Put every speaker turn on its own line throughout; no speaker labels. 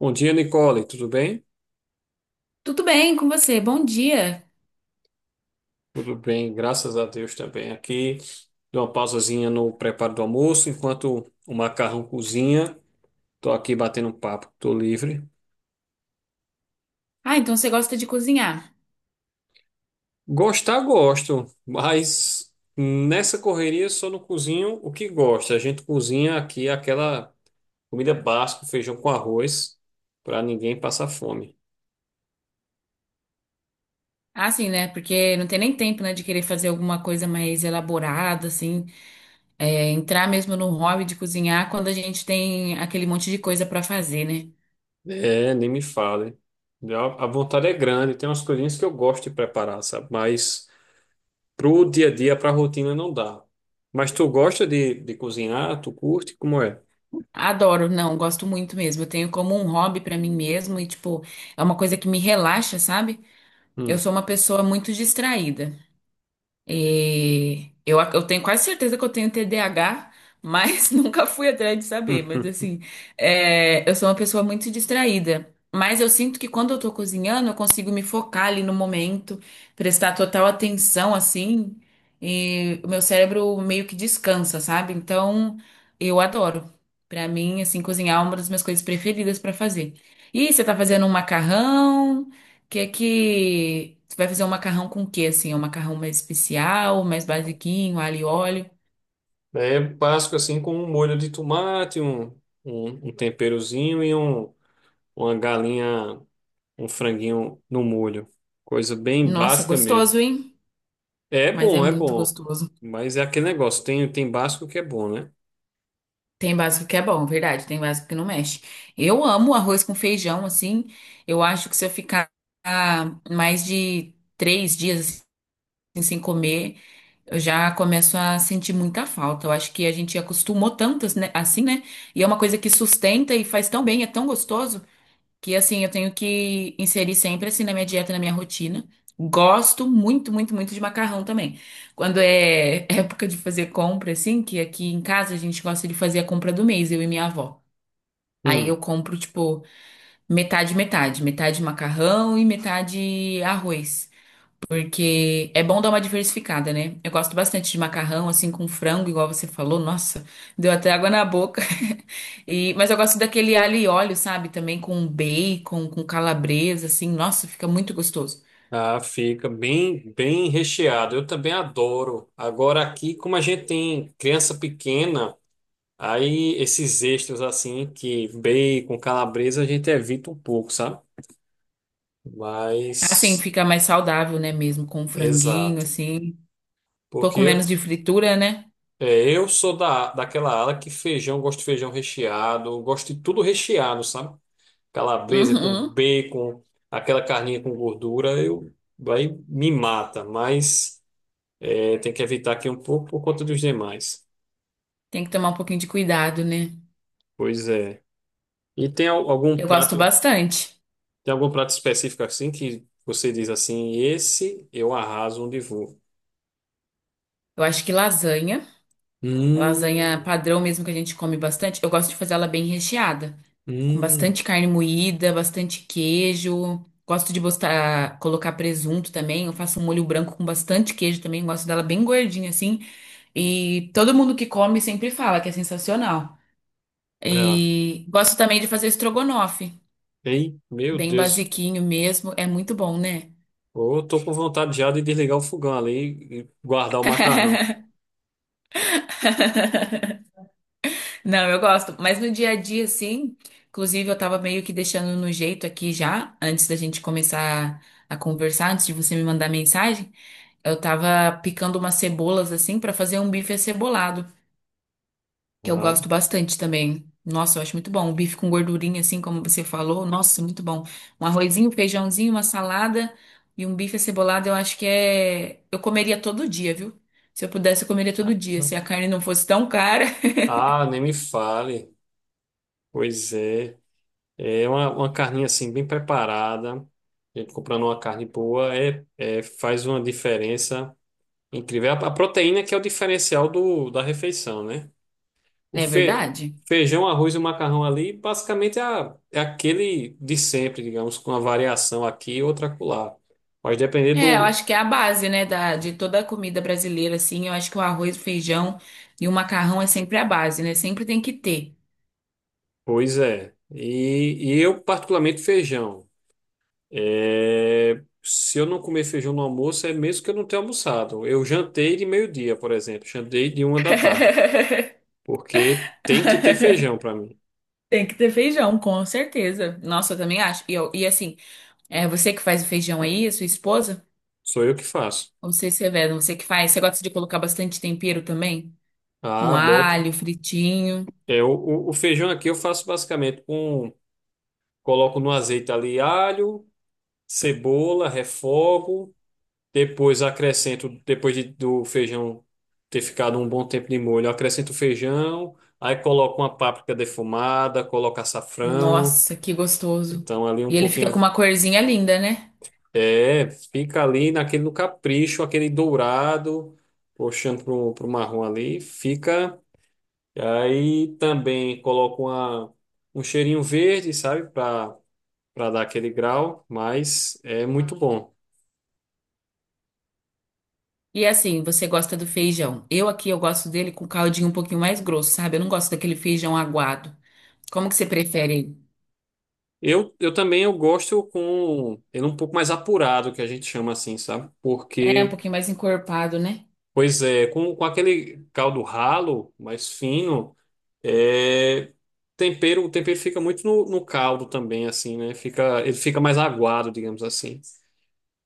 Bom dia, Nicole. Tudo bem?
Tudo bem com você? Bom dia.
Tudo bem, graças a Deus também. Aqui, dou uma pausazinha no preparo do almoço, enquanto o macarrão cozinha. Estou aqui batendo um papo, estou livre.
Ah, então você gosta de cozinhar.
Gostar, gosto, mas nessa correria só não cozinho o que gosta. A gente cozinha aqui aquela comida básica, feijão com arroz, para ninguém passar fome.
Ah, sim, né? Porque não tem nem tempo, né, de querer fazer alguma coisa mais elaborada, assim, entrar mesmo no hobby de cozinhar quando a gente tem aquele monte de coisa pra fazer, né?
É, nem me fale. A vontade é grande, tem umas coisinhas que eu gosto de preparar, sabe? Mas. Pro dia a dia, pra rotina, não dá. Mas tu gosta de cozinhar? Tu curte? Como é?
Adoro, não, gosto muito mesmo. Eu tenho como um hobby pra mim mesmo e, tipo, é uma coisa que me relaxa, sabe? Eu
Hum,
sou uma pessoa muito distraída. E eu tenho quase certeza que eu tenho TDAH, mas nunca fui atrás de saber. Mas
hum.
assim, eu sou uma pessoa muito distraída. Mas eu sinto que quando eu tô cozinhando, eu consigo me focar ali no momento, prestar total atenção, assim, e o meu cérebro meio que descansa, sabe? Então, eu adoro. Pra mim, assim, cozinhar é uma das minhas coisas preferidas pra fazer. E você tá fazendo um macarrão? Que é que você vai fazer um macarrão com o quê assim? É um macarrão mais especial, mais basiquinho, alho e óleo.
É básico assim, com um molho de tomate, um temperozinho e uma galinha, um franguinho no molho. Coisa bem
Nossa,
básica mesmo.
gostoso, hein?
É
Mas é
bom, é
muito
bom.
gostoso.
Mas é aquele negócio, tem básico que é bom, né?
Tem básico que é bom, verdade. Tem básico que não mexe. Eu amo arroz com feijão, assim. Eu acho que se eu ficar mais de três dias assim, sem comer, eu já começo a sentir muita falta. Eu acho que a gente acostumou tanto, né, assim, né? E é uma coisa que sustenta e faz tão bem, é tão gostoso, que assim eu tenho que inserir sempre assim na minha dieta, na minha rotina. Gosto muito, muito, muito de macarrão também. Quando é época de fazer compra, assim, que aqui em casa a gente gosta de fazer a compra do mês, eu e minha avó. Aí
Hum.
eu compro, tipo, metade, metade. Metade macarrão e metade arroz. Porque é bom dar uma diversificada, né? Eu gosto bastante de macarrão, assim, com frango, igual você falou. Nossa, deu até água na boca. Mas eu gosto daquele alho e óleo, sabe? Também com bacon, com calabresa, assim. Nossa, fica muito gostoso.
Ah, fica bem, bem recheado. Eu também adoro. Agora aqui, como a gente tem criança pequena, aí esses extras assim, que bacon, calabresa, a gente evita um pouco, sabe?
Assim,
Mas,
fica mais saudável, né? Mesmo com franguinho,
exato.
assim. Um
Porque
pouco menos de fritura, né?
eu sou daquela ala que feijão, gosto de feijão recheado, gosto de tudo recheado, sabe? Calabresa com
Uhum.
bacon, aquela carninha com gordura, eu, aí me mata, mas é, tem que evitar aqui um pouco por conta dos demais.
Tem que tomar um pouquinho de cuidado, né?
Pois é. E tem algum
Eu gosto
prato?
bastante.
Tem algum prato específico assim que você diz assim, esse eu arraso onde vou?
Eu acho que lasanha. Lasanha
Hum,
padrão mesmo que a gente come bastante. Eu gosto de fazer ela bem recheada, com
hum,
bastante carne moída, bastante queijo. Gosto de botar, colocar presunto também. Eu faço um molho branco com bastante queijo também. Gosto dela bem gordinha assim. E todo mundo que come sempre fala que é sensacional.
é.
E gosto também de fazer estrogonofe,
Ei, meu
bem
Deus.
basiquinho mesmo. É muito bom, né?
Eu tô com vontade já de desligar o fogão ali e guardar o macarrão.
Não, eu gosto, mas no dia a dia, sim. Inclusive, eu tava meio que deixando no jeito aqui já, antes da gente começar a conversar, antes de você me mandar mensagem. Eu tava picando umas cebolas assim pra fazer um bife acebolado, que eu
Ah,
gosto bastante também. Nossa, eu acho muito bom. Um bife com gordurinha, assim como você falou. Nossa, muito bom. Um arrozinho, um feijãozinho, uma salada e um bife acebolado, eu acho que é. Eu comeria todo dia, viu? Se eu pudesse, eu comeria todo dia. Se a carne não fosse tão cara.
ah, nem me fale. Pois é. É uma carninha assim bem preparada. A gente comprando uma carne boa é, é- faz uma diferença incrível. É a proteína que é o diferencial da refeição, né? O
É
fe-
verdade?
feijão, arroz e macarrão ali, basicamente é, a- é aquele de sempre, digamos, com uma variação aqui e outra acolá. Mas depender
É, eu
do.
acho que é a base, né, da, de toda a comida brasileira, assim. Eu acho que o arroz, o feijão e o macarrão é sempre a base, né? Sempre tem que ter.
Pois é. E eu, particularmente, feijão. É, se eu não comer feijão no almoço, é mesmo que eu não tenha almoçado. Eu jantei de meio-dia, por exemplo. Jantei de uma da tarde. Porque tem que ter feijão para mim.
Tem que ter feijão, com certeza. Nossa, eu também acho. E, e assim, é você que faz o feijão aí, a sua esposa?
Sou eu que faço.
Ou você, Severo, você que faz? Você gosta de colocar bastante tempero também? Um
Ah, boto.
alho fritinho.
É, o feijão aqui eu faço basicamente com. Coloco no azeite ali alho, cebola, refogo, depois acrescento, depois do feijão ter ficado um bom tempo de molho, eu acrescento o feijão, aí coloco uma páprica defumada, coloco açafrão,
Nossa, que gostoso.
então ali um
E ele fica com
pouquinho,
uma corzinha linda, né?
é, fica ali naquele no capricho, aquele dourado, puxando pro marrom ali, fica, aí também coloco um cheirinho verde, sabe, para dar aquele grau, mas é muito bom.
E assim, você gosta do feijão. Eu aqui, eu gosto dele com caldinho um pouquinho mais grosso, sabe? Eu não gosto daquele feijão aguado. Como que você prefere ele?
Eu gosto com ele um pouco mais apurado, que a gente chama assim, sabe?
É, um
Porque,
pouquinho mais encorpado, né?
pois é, com aquele caldo ralo, mais fino, é, tempero, o tempero fica muito no, no caldo também, assim, né? Fica, ele fica mais aguado, digamos assim.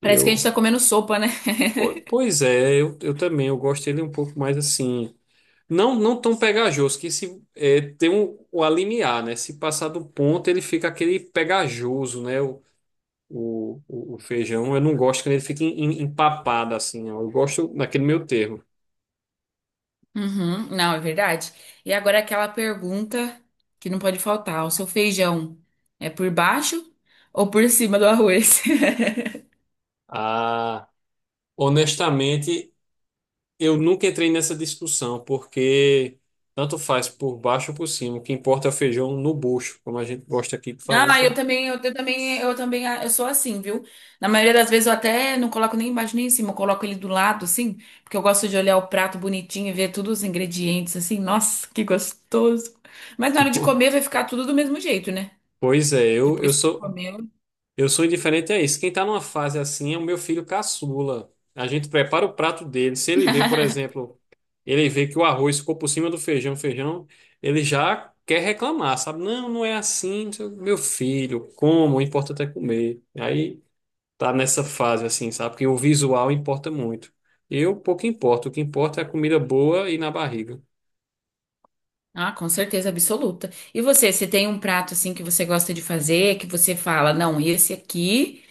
Parece que a gente
Eu,
tá comendo sopa, né?
po- pois é, eu também, eu gosto dele um pouco mais assim. Não, não tão pegajoso, que se é, tem um, o alimiar, né? Se passar do ponto, ele fica aquele pegajoso, né? O feijão. Eu não gosto quando ele fica empapado assim, ó. Eu gosto naquele meio termo.
Uhum, não, é verdade. E agora aquela pergunta que não pode faltar: o seu feijão é por baixo ou por cima do arroz?
Ah, honestamente, eu nunca entrei nessa discussão, porque tanto faz por baixo ou por cima. O que importa é o feijão no bucho, como a gente gosta aqui de falar,
Ah,
sabe?
eu também, ah, eu sou assim, viu? Na maioria das vezes eu até não coloco nem embaixo nem em cima, eu coloco ele do lado, assim, porque eu gosto de olhar o prato bonitinho e ver todos os ingredientes, assim, nossa, que gostoso. Mas na hora de comer vai ficar tudo do mesmo jeito, né?
Pois é, eu
Depois que
sou.
comeu.
Eu sou indiferente a isso. Quem está numa fase assim é o meu filho caçula. A gente prepara o prato dele. Se ele vê, por exemplo, ele vê que o arroz ficou por cima do feijão, ele já quer reclamar, sabe? Não, não é assim, não sei o quê. Meu filho, como, o importante é comer. Aí tá nessa fase assim, sabe? Porque o visual importa muito. Eu pouco importo, o que importa é a comida boa e na barriga.
Ah, com certeza absoluta. E você, você tem um prato, assim, que você gosta de fazer, que você fala, não, esse aqui.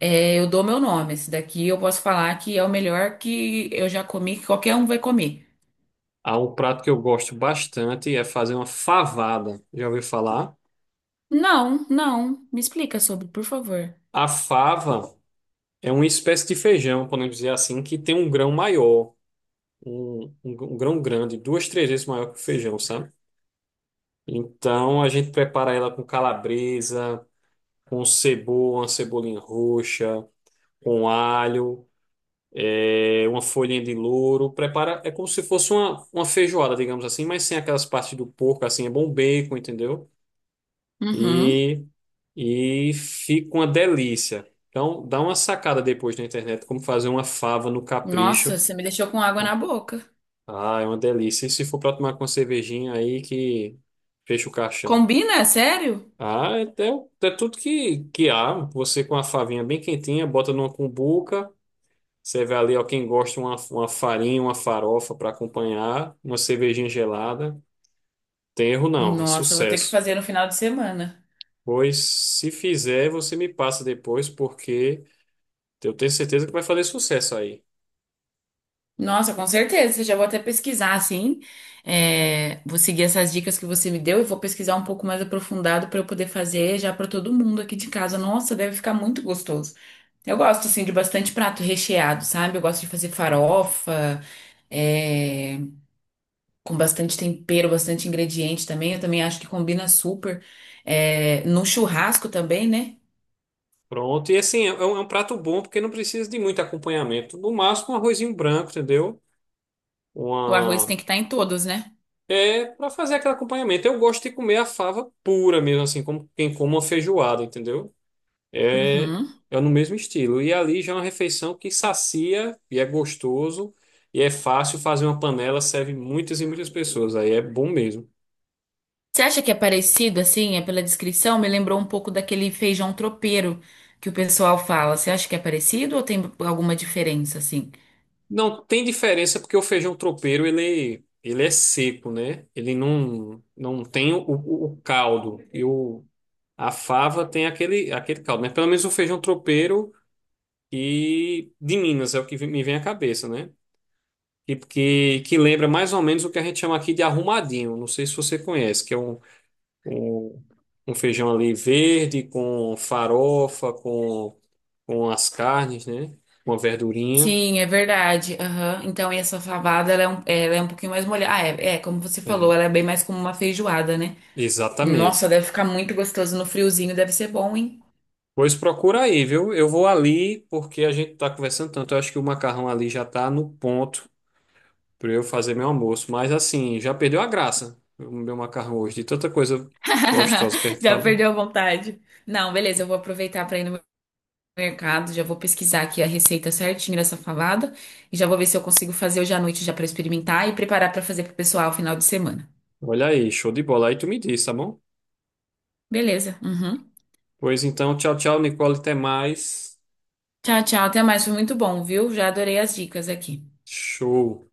É, eu dou meu nome. Esse daqui eu posso falar que é o melhor que eu já comi, que qualquer um vai comer.
Há um prato que eu gosto bastante é fazer uma favada. Já ouviu falar?
Não, não. Me explica sobre, por favor.
A fava. É uma espécie de feijão, podemos dizer assim, que tem um grão maior, um grão grande, duas, três vezes maior que o feijão, sabe? Então a gente prepara ela com calabresa, com cebola, uma cebolinha roxa, com alho, é, uma folhinha de louro. Prepara, é como se fosse uma feijoada, digamos assim, mas sem aquelas partes do porco, assim, é bom bacon, entendeu?
Uhum.
E, e fica uma delícia. Então dá uma sacada depois na internet como fazer uma fava no
Nossa,
capricho.
você me deixou com água na boca.
Ah, é uma delícia. E se for pra tomar com uma cervejinha aí que fecha o caixão?
Combina? É sério?
Ah, é, é, é tudo que há. Você com a favinha bem quentinha, bota numa cumbuca. Você vê ali, ó, quem gosta, uma farinha, uma farofa para acompanhar, uma cervejinha gelada. Tem erro não, é
Nossa, eu vou ter que
sucesso.
fazer no final de semana.
Pois se fizer, você me passa depois, porque eu tenho certeza que vai fazer sucesso aí.
Nossa, com certeza. Já vou até pesquisar, assim. É, vou seguir essas dicas que você me deu e vou pesquisar um pouco mais aprofundado para eu poder fazer já para todo mundo aqui de casa. Nossa, deve ficar muito gostoso. Eu gosto, assim, de bastante prato recheado, sabe? Eu gosto de fazer farofa, é, com bastante tempero, bastante ingrediente também. Eu também acho que combina super. É, no churrasco também, né?
Pronto, e assim, é um prato bom porque não precisa de muito acompanhamento. No máximo, um arrozinho branco, entendeu?
O arroz
Uma
tem que estar em todos, né?
é para fazer aquele acompanhamento. Eu gosto de comer a fava pura mesmo, assim, como quem come uma feijoada, entendeu? É,
Uhum.
é no mesmo estilo. E ali já é uma refeição que sacia e é gostoso e é fácil fazer uma panela, serve muitas e muitas pessoas. Aí é bom mesmo.
Você acha que é parecido, assim, é pela descrição? Me lembrou um pouco daquele feijão tropeiro que o pessoal fala. Você acha que é parecido ou tem alguma diferença, assim?
Não tem diferença porque o feijão tropeiro, ele é seco, né? Ele não, não tem o caldo. E o, a fava tem aquele caldo, né? Pelo menos o feijão tropeiro e de Minas é o que me vem à cabeça, né? Que lembra mais ou menos o que a gente chama aqui de arrumadinho. Não sei se você conhece, que é um, um feijão ali verde com farofa, com as carnes, né? Uma verdurinha.
Sim, é verdade. Aham. Então, e essa fabada, ela é um pouquinho mais molhada. Ah, é, é, como você
É,
falou, ela é bem mais como uma feijoada, né? Nossa,
exatamente.
deve ficar muito gostoso no friozinho, deve ser bom, hein?
Pois procura aí, viu? Eu vou ali porque a gente tá conversando tanto. Eu acho que o macarrão ali já tá no ponto para eu fazer meu almoço. Mas assim, já perdeu a graça o meu macarrão hoje, de tanta coisa gostosa que a gente
Já
falou.
perdeu a vontade. Não, beleza, eu vou aproveitar para ir no mercado, já vou pesquisar aqui a receita certinho dessa falada e já vou ver se eu consigo fazer hoje à noite já para experimentar e preparar para fazer pro pessoal final de semana.
Olha aí, show de bola. Aí tu me diz, tá bom?
Beleza. Uhum.
Pois então, tchau, tchau, Nicole, até mais.
Tchau, tchau. Até mais. Foi muito bom, viu? Já adorei as dicas aqui.
Show.